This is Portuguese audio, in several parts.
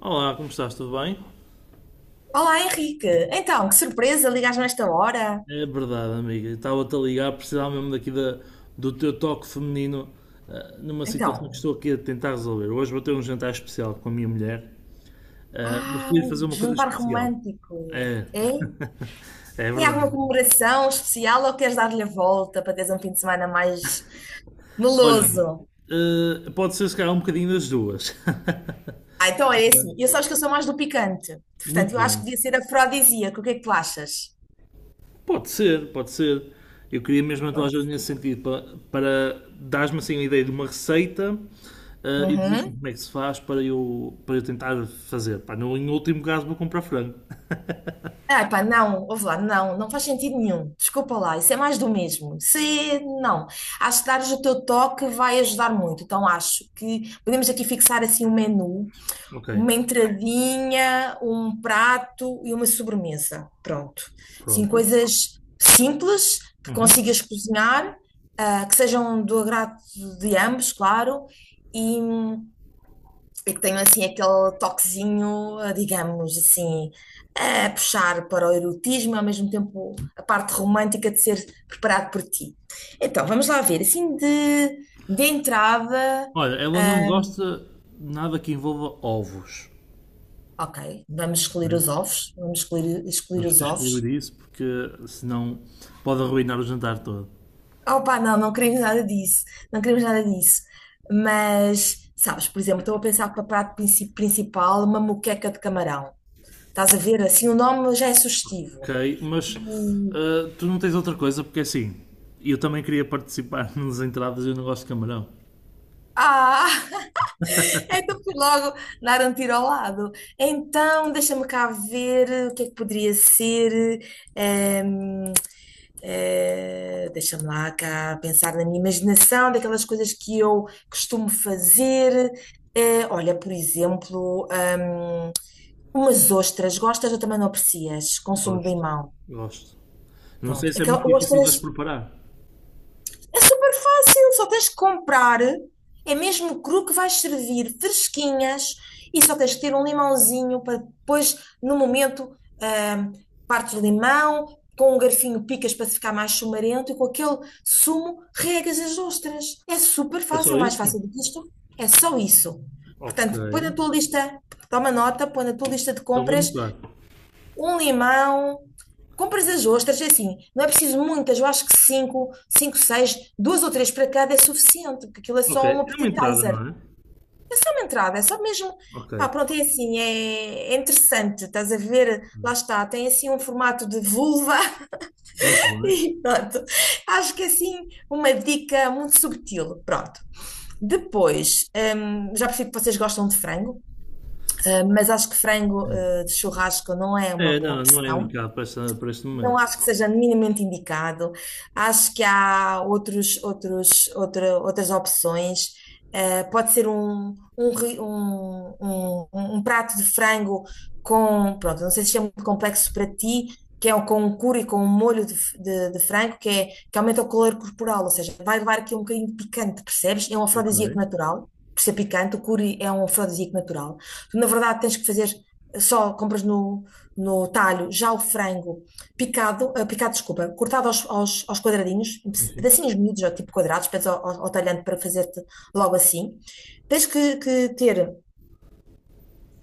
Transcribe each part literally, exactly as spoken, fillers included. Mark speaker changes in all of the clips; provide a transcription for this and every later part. Speaker 1: Olá, como estás? Tudo bem?
Speaker 2: Olá, Henrique. Então, que surpresa, ligas-me esta hora.
Speaker 1: É verdade, amiga. Estava-te a ligar, precisava mesmo daqui da, do teu toque feminino ah, numa situação que
Speaker 2: Então,
Speaker 1: estou aqui a tentar resolver. Hoje vou ter um jantar especial com a minha mulher, ah, mas
Speaker 2: ah,
Speaker 1: queria fazer uma coisa
Speaker 2: jantar
Speaker 1: especial.
Speaker 2: romântico.
Speaker 1: É,
Speaker 2: É?
Speaker 1: é
Speaker 2: Tem alguma
Speaker 1: verdade.
Speaker 2: comemoração especial ou queres dar-lhe a volta para teres um fim de semana mais
Speaker 1: Olha,
Speaker 2: meloso?
Speaker 1: ah, pode ser se calhar um bocadinho das duas.
Speaker 2: Ah, então é assim. Eu sabes que eu sou mais do picante.
Speaker 1: Muito
Speaker 2: Portanto, eu acho que
Speaker 1: bem.
Speaker 2: devia ser afrodisíaco. O que é que tu achas?
Speaker 1: Pode ser, pode ser. Eu queria mesmo a tua ajuda
Speaker 2: Pronto.
Speaker 1: nesse sentido, para, para dares-me assim uma ideia de uma receita ah, e dizes-me
Speaker 2: Uhum.
Speaker 1: como é que se faz para eu, para eu tentar fazer. Pá, no, em último caso vou comprar frango.
Speaker 2: Ah, pá, não, ouve lá, não, não faz sentido nenhum. Desculpa lá, isso é mais do mesmo. Se não. Acho que dares o teu toque vai ajudar muito. Então acho que podemos aqui fixar assim um menu,
Speaker 1: Ok,
Speaker 2: uma entradinha, um prato e uma sobremesa. Pronto. Assim,
Speaker 1: pronto.
Speaker 2: coisas simples que
Speaker 1: Uhum.
Speaker 2: consigas cozinhar, ah, que sejam do agrado de ambos, claro, e que tenho assim aquele toquezinho, eh, digamos assim, a puxar para o erotismo, ao mesmo tempo a parte romântica de ser preparado por ti. Então, vamos lá ver, assim de, de entrada,
Speaker 1: Olha, ela não
Speaker 2: hum,
Speaker 1: gosta de nada que envolva ovos.
Speaker 2: ok, vamos escolher
Speaker 1: Ok?
Speaker 2: os ovos, vamos escolher escolher
Speaker 1: Temos que
Speaker 2: os ovos.
Speaker 1: excluir isso porque senão pode arruinar o jantar todo.
Speaker 2: Opa, não, não queremos nada disso, não queremos nada disso. Mas, sabes, por exemplo, estou a pensar para prato princi- principal uma moqueca de camarão. Estás a ver, assim, o nome já é sugestivo.
Speaker 1: Ok, mas ah, tu não tens outra coisa porque assim, eu também queria participar nas entradas e eu não gosto de camarão.
Speaker 2: Ah, então fui logo dar um tiro ao lado. Então, deixa-me cá ver o que é que poderia ser. ehm, eh, deixa-me lá cá pensar na minha imaginação, daquelas coisas que eu costumo fazer. Eh, olha, por exemplo, ahm, umas ostras. Gostas ou também não aprecias? Consumo de
Speaker 1: Gosto,
Speaker 2: limão.
Speaker 1: gosto. Não sei
Speaker 2: Pronto.
Speaker 1: se é muito
Speaker 2: Aquelas
Speaker 1: difícil de
Speaker 2: ostras.
Speaker 1: as preparar.
Speaker 2: É super fácil, só tens que comprar. É mesmo cru que vais servir, fresquinhas, e só tens que ter um limãozinho para depois, no momento, ahm, partes o limão, com um garfinho picas para ficar mais chumarento e com aquele sumo regas as ostras. É super
Speaker 1: É
Speaker 2: fácil,
Speaker 1: só
Speaker 2: é mais
Speaker 1: isso?
Speaker 2: fácil do que isto. É só isso.
Speaker 1: Ok.
Speaker 2: Portanto, põe na tua lista, toma nota, põe na tua lista de
Speaker 1: Então vou
Speaker 2: compras
Speaker 1: anotar.
Speaker 2: um limão. Compras as ostras, é assim, não é preciso muitas, eu acho que cinco, cinco, seis, duas ou três para cada é suficiente, porque aquilo é
Speaker 1: Ok.
Speaker 2: só um
Speaker 1: É uma entrada,
Speaker 2: appetizer.
Speaker 1: não é?
Speaker 2: Então, uma entrada, é só mesmo.
Speaker 1: Ok.
Speaker 2: Pá, pronto, é assim, é, é interessante, estás a ver? Lá está, tem assim um formato de vulva
Speaker 1: Muito bem.
Speaker 2: e pronto. Acho que é assim uma dica muito subtil. Pronto. Depois, hum, já percebi que vocês gostam de frango, eh, mas acho que frango eh, de churrasco não é uma
Speaker 1: É,
Speaker 2: boa
Speaker 1: não, não é
Speaker 2: opção.
Speaker 1: indicado para, esta, para este
Speaker 2: Não
Speaker 1: momento.
Speaker 2: acho que seja minimamente indicado. Acho que há outros, outros, outra- outras opções. Eh, pode ser um, um, ri- um- um- um um prato de frango com, pronto, não sei se isto é muito complexo para ti, que é o- com um curry, com um molho de, f- de- de frango, que, é, que aumenta o calor corporal, ou seja, vai levar aqui um bocadinho de picante, percebes? É um
Speaker 1: Ok.
Speaker 2: afrodisíaco natural, por ser picante, o curry é um afrodisíaco natural. Tu, na verdade, tens que fazer, só compras no, no talho já o frango picado, ah, picado, desculpa, cortado aos, aos, aos quadradinhos, em
Speaker 1: Sim, sim.
Speaker 2: pedacinhos miúdos, ou tipo quadrados, depois ao, ao, ao talhante para fazer-te logo assim. Tens que, que ter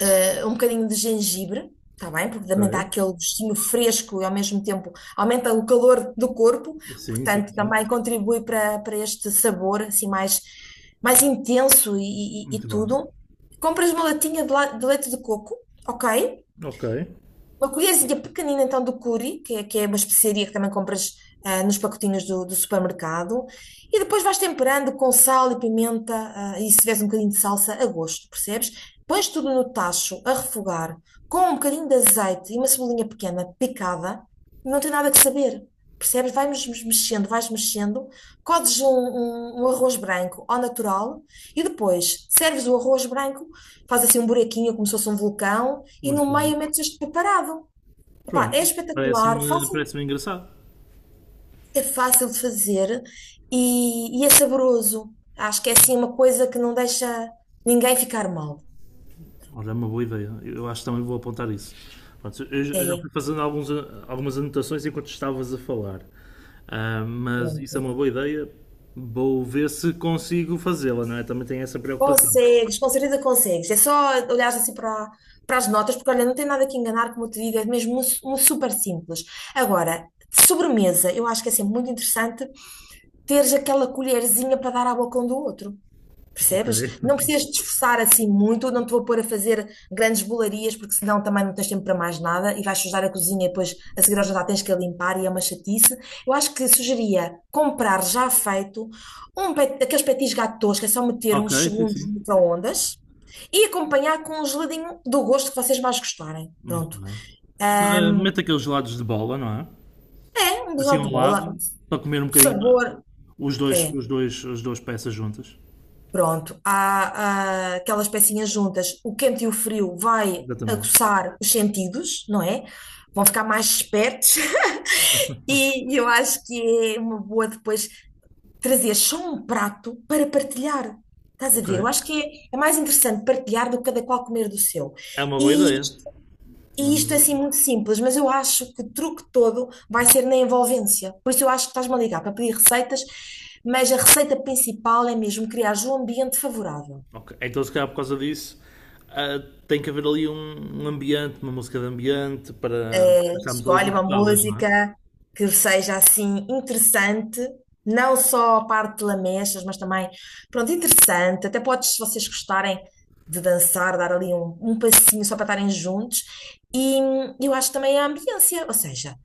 Speaker 2: ah, um bocadinho de gengibre, está bem? Porque também dá
Speaker 1: Ok.
Speaker 2: aquele gostinho fresco e ao mesmo tempo aumenta o calor do corpo,
Speaker 1: Sim, sim,
Speaker 2: portanto
Speaker 1: sim.
Speaker 2: também contribui para, para este sabor assim mais, mais intenso e, e-
Speaker 1: Muito
Speaker 2: e
Speaker 1: bem.
Speaker 2: tudo. Compras uma latinha de, la- de leite de coco, ok?
Speaker 1: Ok.
Speaker 2: Uma colherzinha pequenina, então, do curry, que é, que é uma especiaria que também compras ah, nos pacotinhos do, do supermercado. E depois vais temperando com sal e pimenta, ah, e se tiveres um bocadinho de salsa, a gosto, percebes? Pões tudo no tacho a refogar com um bocadinho de azeite e uma cebolinha pequena picada. Não tem nada que saber, percebes? Vais mes- mexendo, vais mexendo. Codes um, um um arroz branco ao natural e depois serves o arroz branco, faz assim um buraquinho como se fosse um vulcão e no
Speaker 1: Muito bem.
Speaker 2: meio metes este preparado. Epá, é
Speaker 1: Pronto.
Speaker 2: espetacular,
Speaker 1: Parece-me
Speaker 2: fácil,
Speaker 1: parece engraçado.
Speaker 2: é fácil de fazer e, e é saboroso. Acho que é assim uma coisa que não deixa ninguém ficar mal.
Speaker 1: Olha, é uma boa ideia. Eu acho que também vou apontar isso. Pronto, eu já eu já
Speaker 2: É,
Speaker 1: fui fazendo alguns, a- algumas anotações enquanto estavas a falar. Ah, mas isso é
Speaker 2: pronto.
Speaker 1: uma boa ideia. Vou ver se consigo fazê-la, não é? Também tenho essa preocupação.
Speaker 2: Consegues, com certeza consegues. É só olhares assim para, para as notas, porque olha, não tem nada que enganar, como eu te digo, é mesmo um, su- um super simples. Agora, de sobremesa, eu acho que é sempre muito interessante teres aquela colherzinha para dar à boca um do outro.
Speaker 1: Ok.
Speaker 2: Percebes? Não precisas te esforçar assim muito, não te vou pôr a fazer grandes bolarias, porque senão também não tens tempo para mais nada e vais sujar a cozinha e depois a seguir ao jantar tens que a limpar e é uma chatice. Eu acho que sugeria comprar já feito um pet, daqueles petis gatos, que é só meter
Speaker 1: Ok,
Speaker 2: uns
Speaker 1: sim,
Speaker 2: segundos no
Speaker 1: sim.
Speaker 2: micro-ondas e acompanhar com um geladinho do gosto que vocês mais gostarem.
Speaker 1: Muito
Speaker 2: Pronto.
Speaker 1: bem. Ah,
Speaker 2: Ahm,
Speaker 1: mete aqueles gelados de bola, não é?
Speaker 2: é um
Speaker 1: Assim
Speaker 2: biscoito de
Speaker 1: ao
Speaker 2: bola,
Speaker 1: lado, para comer um bocadinho
Speaker 2: sabor.
Speaker 1: os dois,
Speaker 2: É.
Speaker 1: os dois, as duas peças juntas.
Speaker 2: Pronto, há, ah, aquelas pecinhas juntas, o quente e o frio vai
Speaker 1: Exatamente.
Speaker 2: aguçar os sentidos, não é? Vão ficar mais espertos e eu acho que é uma boa depois trazer só um prato para partilhar. Estás a
Speaker 1: Ok.
Speaker 2: ver? Eu acho que é, é mais interessante partilhar do que cada qual comer do seu.
Speaker 1: É uma boa
Speaker 2: E,
Speaker 1: ideia. É uma
Speaker 2: e isto
Speaker 1: boa
Speaker 2: é
Speaker 1: ideia.
Speaker 2: assim muito simples, mas eu acho que o truque todo vai ser na envolvência. Por isso eu acho que estás-me a ligar para pedir receitas, mas a receita principal é mesmo criar um ambiente favorável.
Speaker 1: Ok, então, se calhar por causa disso, ah, tem que haver ali um, um ambiente, uma música de ambiente para para estarmos ali
Speaker 2: Escolhe uma
Speaker 1: confortáveis, não é?
Speaker 2: música que seja assim interessante, não só a parte de lamechas, mas também, pronto, interessante. Até podes, se vocês gostarem de dançar, dar ali um, um passinho só para estarem juntos. E hum, eu acho também a ambiência, ou seja,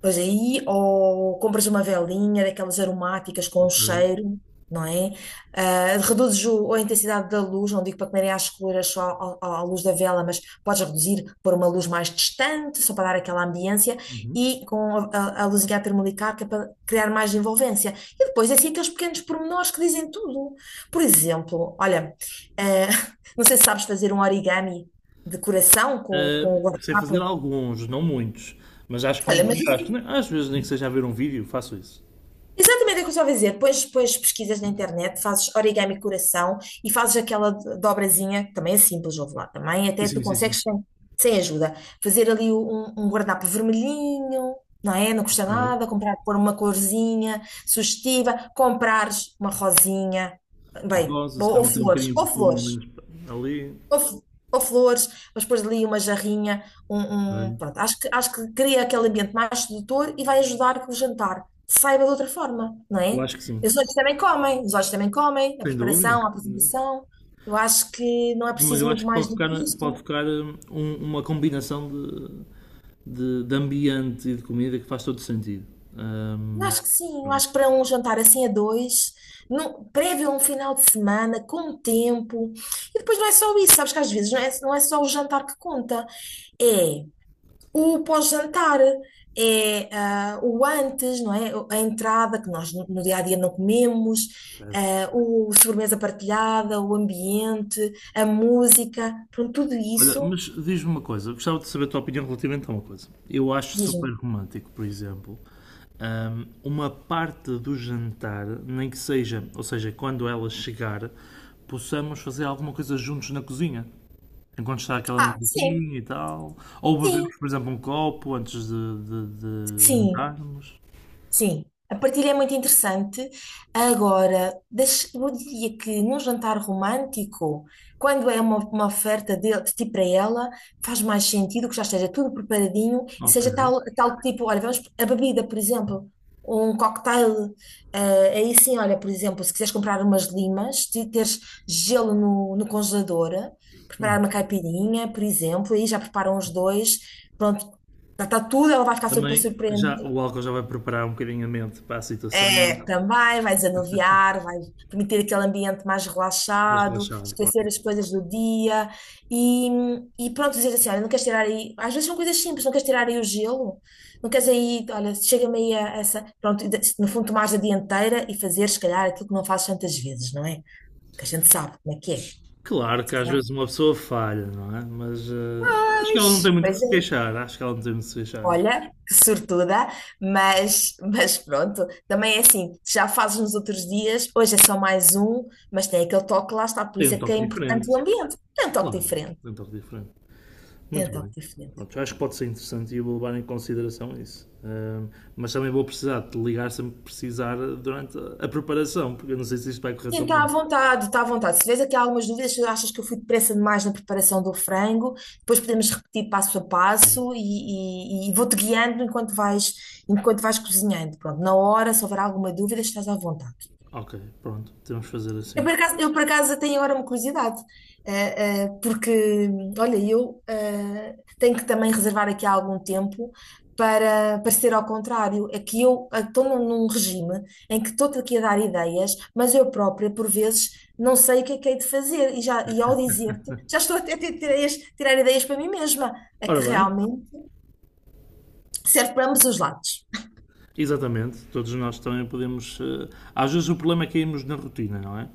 Speaker 2: pois aí, ou compras uma velinha daquelas aromáticas com um
Speaker 1: Ok.
Speaker 2: cheiro, não é? Ah, reduzes o- a intensidade da luz, não digo para comerem às escuras só ao- ao- à luz da vela, mas podes reduzir, pôr uma luz mais distante, só para dar aquela ambiência,
Speaker 1: Uhum.
Speaker 2: e com a, a, a luzinha termolicar, que é para criar mais envolvência. E depois, é assim, aqueles pequenos pormenores que dizem tudo. Por exemplo, olha, ah, não sei se sabes fazer um origami de coração com,
Speaker 1: Ah,
Speaker 2: com o
Speaker 1: sei fazer
Speaker 2: guardanapo.
Speaker 1: alguns, não muitos, mas acho que me
Speaker 2: Olha, mas
Speaker 1: desgasto.
Speaker 2: isso,
Speaker 1: Nem- Às vezes, nem que seja a ver um vídeo, faço isso.
Speaker 2: exatamente é o que eu estava a dizer. Depois, depois pesquisas na internet, fazes origami coração e fazes aquela do- dobrazinha, que também é simples, ouve lá, também até tu
Speaker 1: Sim, sim, sim. sim.
Speaker 2: consegues sem, sem ajuda. Fazer ali um, um um guardanapo vermelhinho, não é? Não custa
Speaker 1: Ok.
Speaker 2: nada, comprar, pôr uma corzinha sugestiva, comprares uma rosinha, bem,
Speaker 1: Rosa, se
Speaker 2: ou, ou
Speaker 1: calhar meter um
Speaker 2: flores,
Speaker 1: bocadinho de
Speaker 2: ou
Speaker 1: perfume ali.
Speaker 2: flores
Speaker 1: nos- ali.
Speaker 2: ou, fl- ou flores, mas depois ali uma jarrinha,
Speaker 1: Ok.
Speaker 2: um, um- pronto, acho que, acho que cria aquele ambiente mais sedutor e vai ajudar que o jantar saiba de outra forma, não
Speaker 1: Eu
Speaker 2: é?
Speaker 1: acho que sim.
Speaker 2: E os olhos também comem, os olhos também comem, a
Speaker 1: Sem dúvida.
Speaker 2: preparação, a
Speaker 1: Sem dúvida.
Speaker 2: apresentação, eu acho que não é
Speaker 1: Mas
Speaker 2: preciso
Speaker 1: eu
Speaker 2: muito
Speaker 1: acho que
Speaker 2: mais
Speaker 1: pode
Speaker 2: do
Speaker 1: ficar,
Speaker 2: que
Speaker 1: pode
Speaker 2: isto.
Speaker 1: ficar hum, um- uma combinação de, de, de ambiente e de comida que faz todo sentido.
Speaker 2: Eu
Speaker 1: Ahm,
Speaker 2: acho que sim, eu
Speaker 1: pronto,
Speaker 2: acho que para um jantar assim a dois, num, prévio a um final de semana, com tempo, e depois não é só isso, sabes que às vezes não é, não é só o jantar que conta, é o pós-jantar, é ah, o antes, não é? A entrada que nós no dia a dia não comemos,
Speaker 1: certo.
Speaker 2: ah, o sobremesa partilhada, o ambiente, a música, pronto, tudo
Speaker 1: Olha,
Speaker 2: isso.
Speaker 1: mas diz-me uma coisa, gostava de saber a tua opinião relativamente a uma coisa. Eu acho super
Speaker 2: Diz-me.
Speaker 1: romântico, por exemplo, ahm, uma parte do jantar, nem que seja, ou seja, quando ela chegar, possamos fazer alguma coisa juntos na cozinha. Enquanto está aquela
Speaker 2: Ah, sim,
Speaker 1: musiquinha e tal. Ou bebemos,
Speaker 2: sim,
Speaker 1: por exemplo, um copo antes de, de- de
Speaker 2: sim.
Speaker 1: jantarmos.
Speaker 2: Sim, a partilha é muito interessante. Agora, deixa- eu diria que num jantar romântico, quando é uma, uma oferta de, de ti para ela, faz mais sentido que já esteja tudo preparadinho e
Speaker 1: Ok.
Speaker 2: seja tal, tal tipo, olha, vamos, a bebida, por exemplo, um cocktail. Eh, aí sim, olha, por exemplo, se quiseres comprar umas limas, te- teres gelo no, no congelador, preparar uma caipirinha, por exemplo, aí já preparam os dois, pronto, está tudo, ela vai ficar super
Speaker 1: Também já,
Speaker 2: surpreendida.
Speaker 1: o álcool já vai preparar um bocadinho a mente para a situação,
Speaker 2: É, também, vai desanuviar, vai permitir aquele ambiente mais
Speaker 1: mas
Speaker 2: relaxado,
Speaker 1: relaxado, claro.
Speaker 2: esquecer as coisas do dia e, e pronto, dizer assim, olha, não queres tirar aí, às vezes são coisas simples, não queres tirar aí o gelo, não queres aí, olha, chega-me aí a essa, pronto, e de- no fundo tomares a dianteira e fazer, se calhar, aquilo que não fazes tantas vezes, não é? Que a gente sabe como é que é. Se
Speaker 1: Claro que às
Speaker 2: calhar,
Speaker 1: vezes uma pessoa falha, não é? Mas eh, acho que ela não
Speaker 2: pois.
Speaker 1: tem muito que
Speaker 2: Pois
Speaker 1: se
Speaker 2: é.
Speaker 1: queixar, acho que ela não tem muito que se queixar.
Speaker 2: Olha, que sortuda, mas, mas pronto, também é assim, já fazes nos outros dias, hoje é só mais um, mas tem aquele toque, lá está, por
Speaker 1: Tem
Speaker 2: isso
Speaker 1: um
Speaker 2: é que é
Speaker 1: toque
Speaker 2: importante o
Speaker 1: diferente,
Speaker 2: ambiente, tem um toque
Speaker 1: claro,
Speaker 2: diferente,
Speaker 1: tem um toque diferente.
Speaker 2: tem
Speaker 1: Muito
Speaker 2: um
Speaker 1: bem.
Speaker 2: toque diferente.
Speaker 1: Pronto, acho que pode ser interessante e eu vou levar em consideração isso. Ahm, mas também vou precisar de te ligar se me precisar durante a a preparação, porque eu não sei se isto vai correr
Speaker 2: Sim,
Speaker 1: tão
Speaker 2: está à
Speaker 1: bem.
Speaker 2: vontade, está à vontade. Se tiveres aqui algumas dúvidas, se achas que eu fui depressa demais na preparação do frango, depois podemos repetir passo a passo e, e- e vou-te guiando enquanto vais, enquanto vais cozinhando. Pronto, na hora, se houver alguma dúvida, estás à vontade.
Speaker 1: Ok, pronto, temos que fazer
Speaker 2: Eu
Speaker 1: assim.
Speaker 2: por acaso, eu por acaso tenho agora uma curiosidade, eh, eh, porque, olha, eu eh, tenho que também reservar aqui algum tempo para, para ser ao contrário. É que eu eh, estou num, num regime em que estou-te aqui a dar ideias, mas eu própria, por vezes, não sei o que é que hei de fazer. E, já, e ao dizer-te, já estou até a ter- ter ideias- tirar ideias para mim mesma. É que
Speaker 1: Ora bem.
Speaker 2: realmente serve para ambos os lados.
Speaker 1: Exatamente, todos nós também podemos. eh, Às vezes o problema é cairmos na rotina, não é?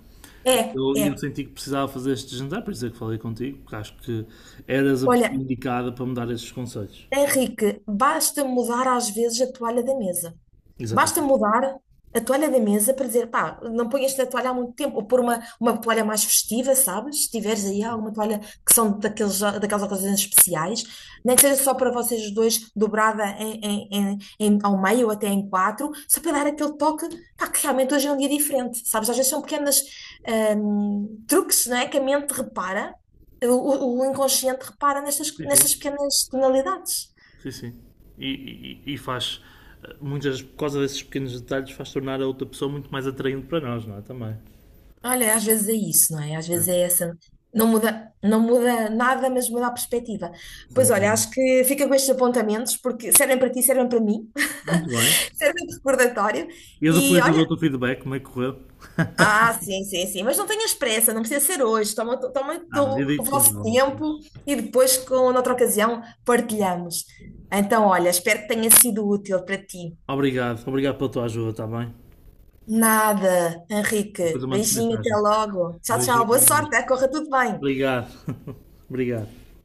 Speaker 1: E
Speaker 2: É,
Speaker 1: eu, e eu
Speaker 2: é.
Speaker 1: senti que precisava fazer este jantar, por isso é que falei contigo, porque acho que eras a pessoa
Speaker 2: Olha,
Speaker 1: indicada para me dar esses conselhos.
Speaker 2: Henrique, basta mudar às vezes a toalha da mesa. Basta
Speaker 1: Exatamente.
Speaker 2: mudar a toalha da mesa para dizer, pá, não ponhas esta toalha há muito tempo, ou pôr uma, uma toalha mais festiva, sabes? Se tiveres aí alguma toalha que são daqueles, daquelas ocasiões especiais, nem que seja só para vocês os dois, dobrada em, em- em- em- ao meio ou até em quatro, só para dar aquele toque, pá, que realmente hoje é um dia diferente, sabes? Às vezes são pequenas hum, truques, não é? Que a mente repara, o, o- o inconsciente repara nestas,
Speaker 1: Sim,
Speaker 2: nestas
Speaker 1: sim.
Speaker 2: pequenas tonalidades.
Speaker 1: Sim, sim. E, e- e faz, eh, muitas, por causa desses pequenos detalhes, faz tornar a outra pessoa muito mais atraente para nós, não é? Também.
Speaker 2: Olha, às vezes é isso, não é? Às
Speaker 1: É,
Speaker 2: vezes é essa. Não muda, não muda nada, mas muda a perspectiva.
Speaker 1: sem
Speaker 2: Pois olha,
Speaker 1: dúvida.
Speaker 2: acho que fica com estes apontamentos, porque servem para ti, servem para mim,
Speaker 1: Muito bem.
Speaker 2: servem de recordatório.
Speaker 1: E eu
Speaker 2: E
Speaker 1: depois eu
Speaker 2: olha,
Speaker 1: dou-te o feedback, como é que correu?
Speaker 2: ah, sim, sim, sim, mas não tenhas pressa, não precisa ser hoje. Toma, toma
Speaker 1: Ah, havia
Speaker 2: o o
Speaker 1: dito com
Speaker 2: vosso
Speaker 1: calma, pois.
Speaker 2: tempo e depois, com noutra ocasião, partilhamos. Então, olha, espero que tenha sido útil para ti.
Speaker 1: Obrigado, obrigado pela tua ajuda, está bem?
Speaker 2: Nada,
Speaker 1: Depois
Speaker 2: Henrique.
Speaker 1: eu mando
Speaker 2: Beijinho, até
Speaker 1: mensagem.
Speaker 2: logo. Tchau, tchau. Boa
Speaker 1: Beijinho.
Speaker 2: sorte, eh? Corra tudo bem.
Speaker 1: Obrigado. Obrigado.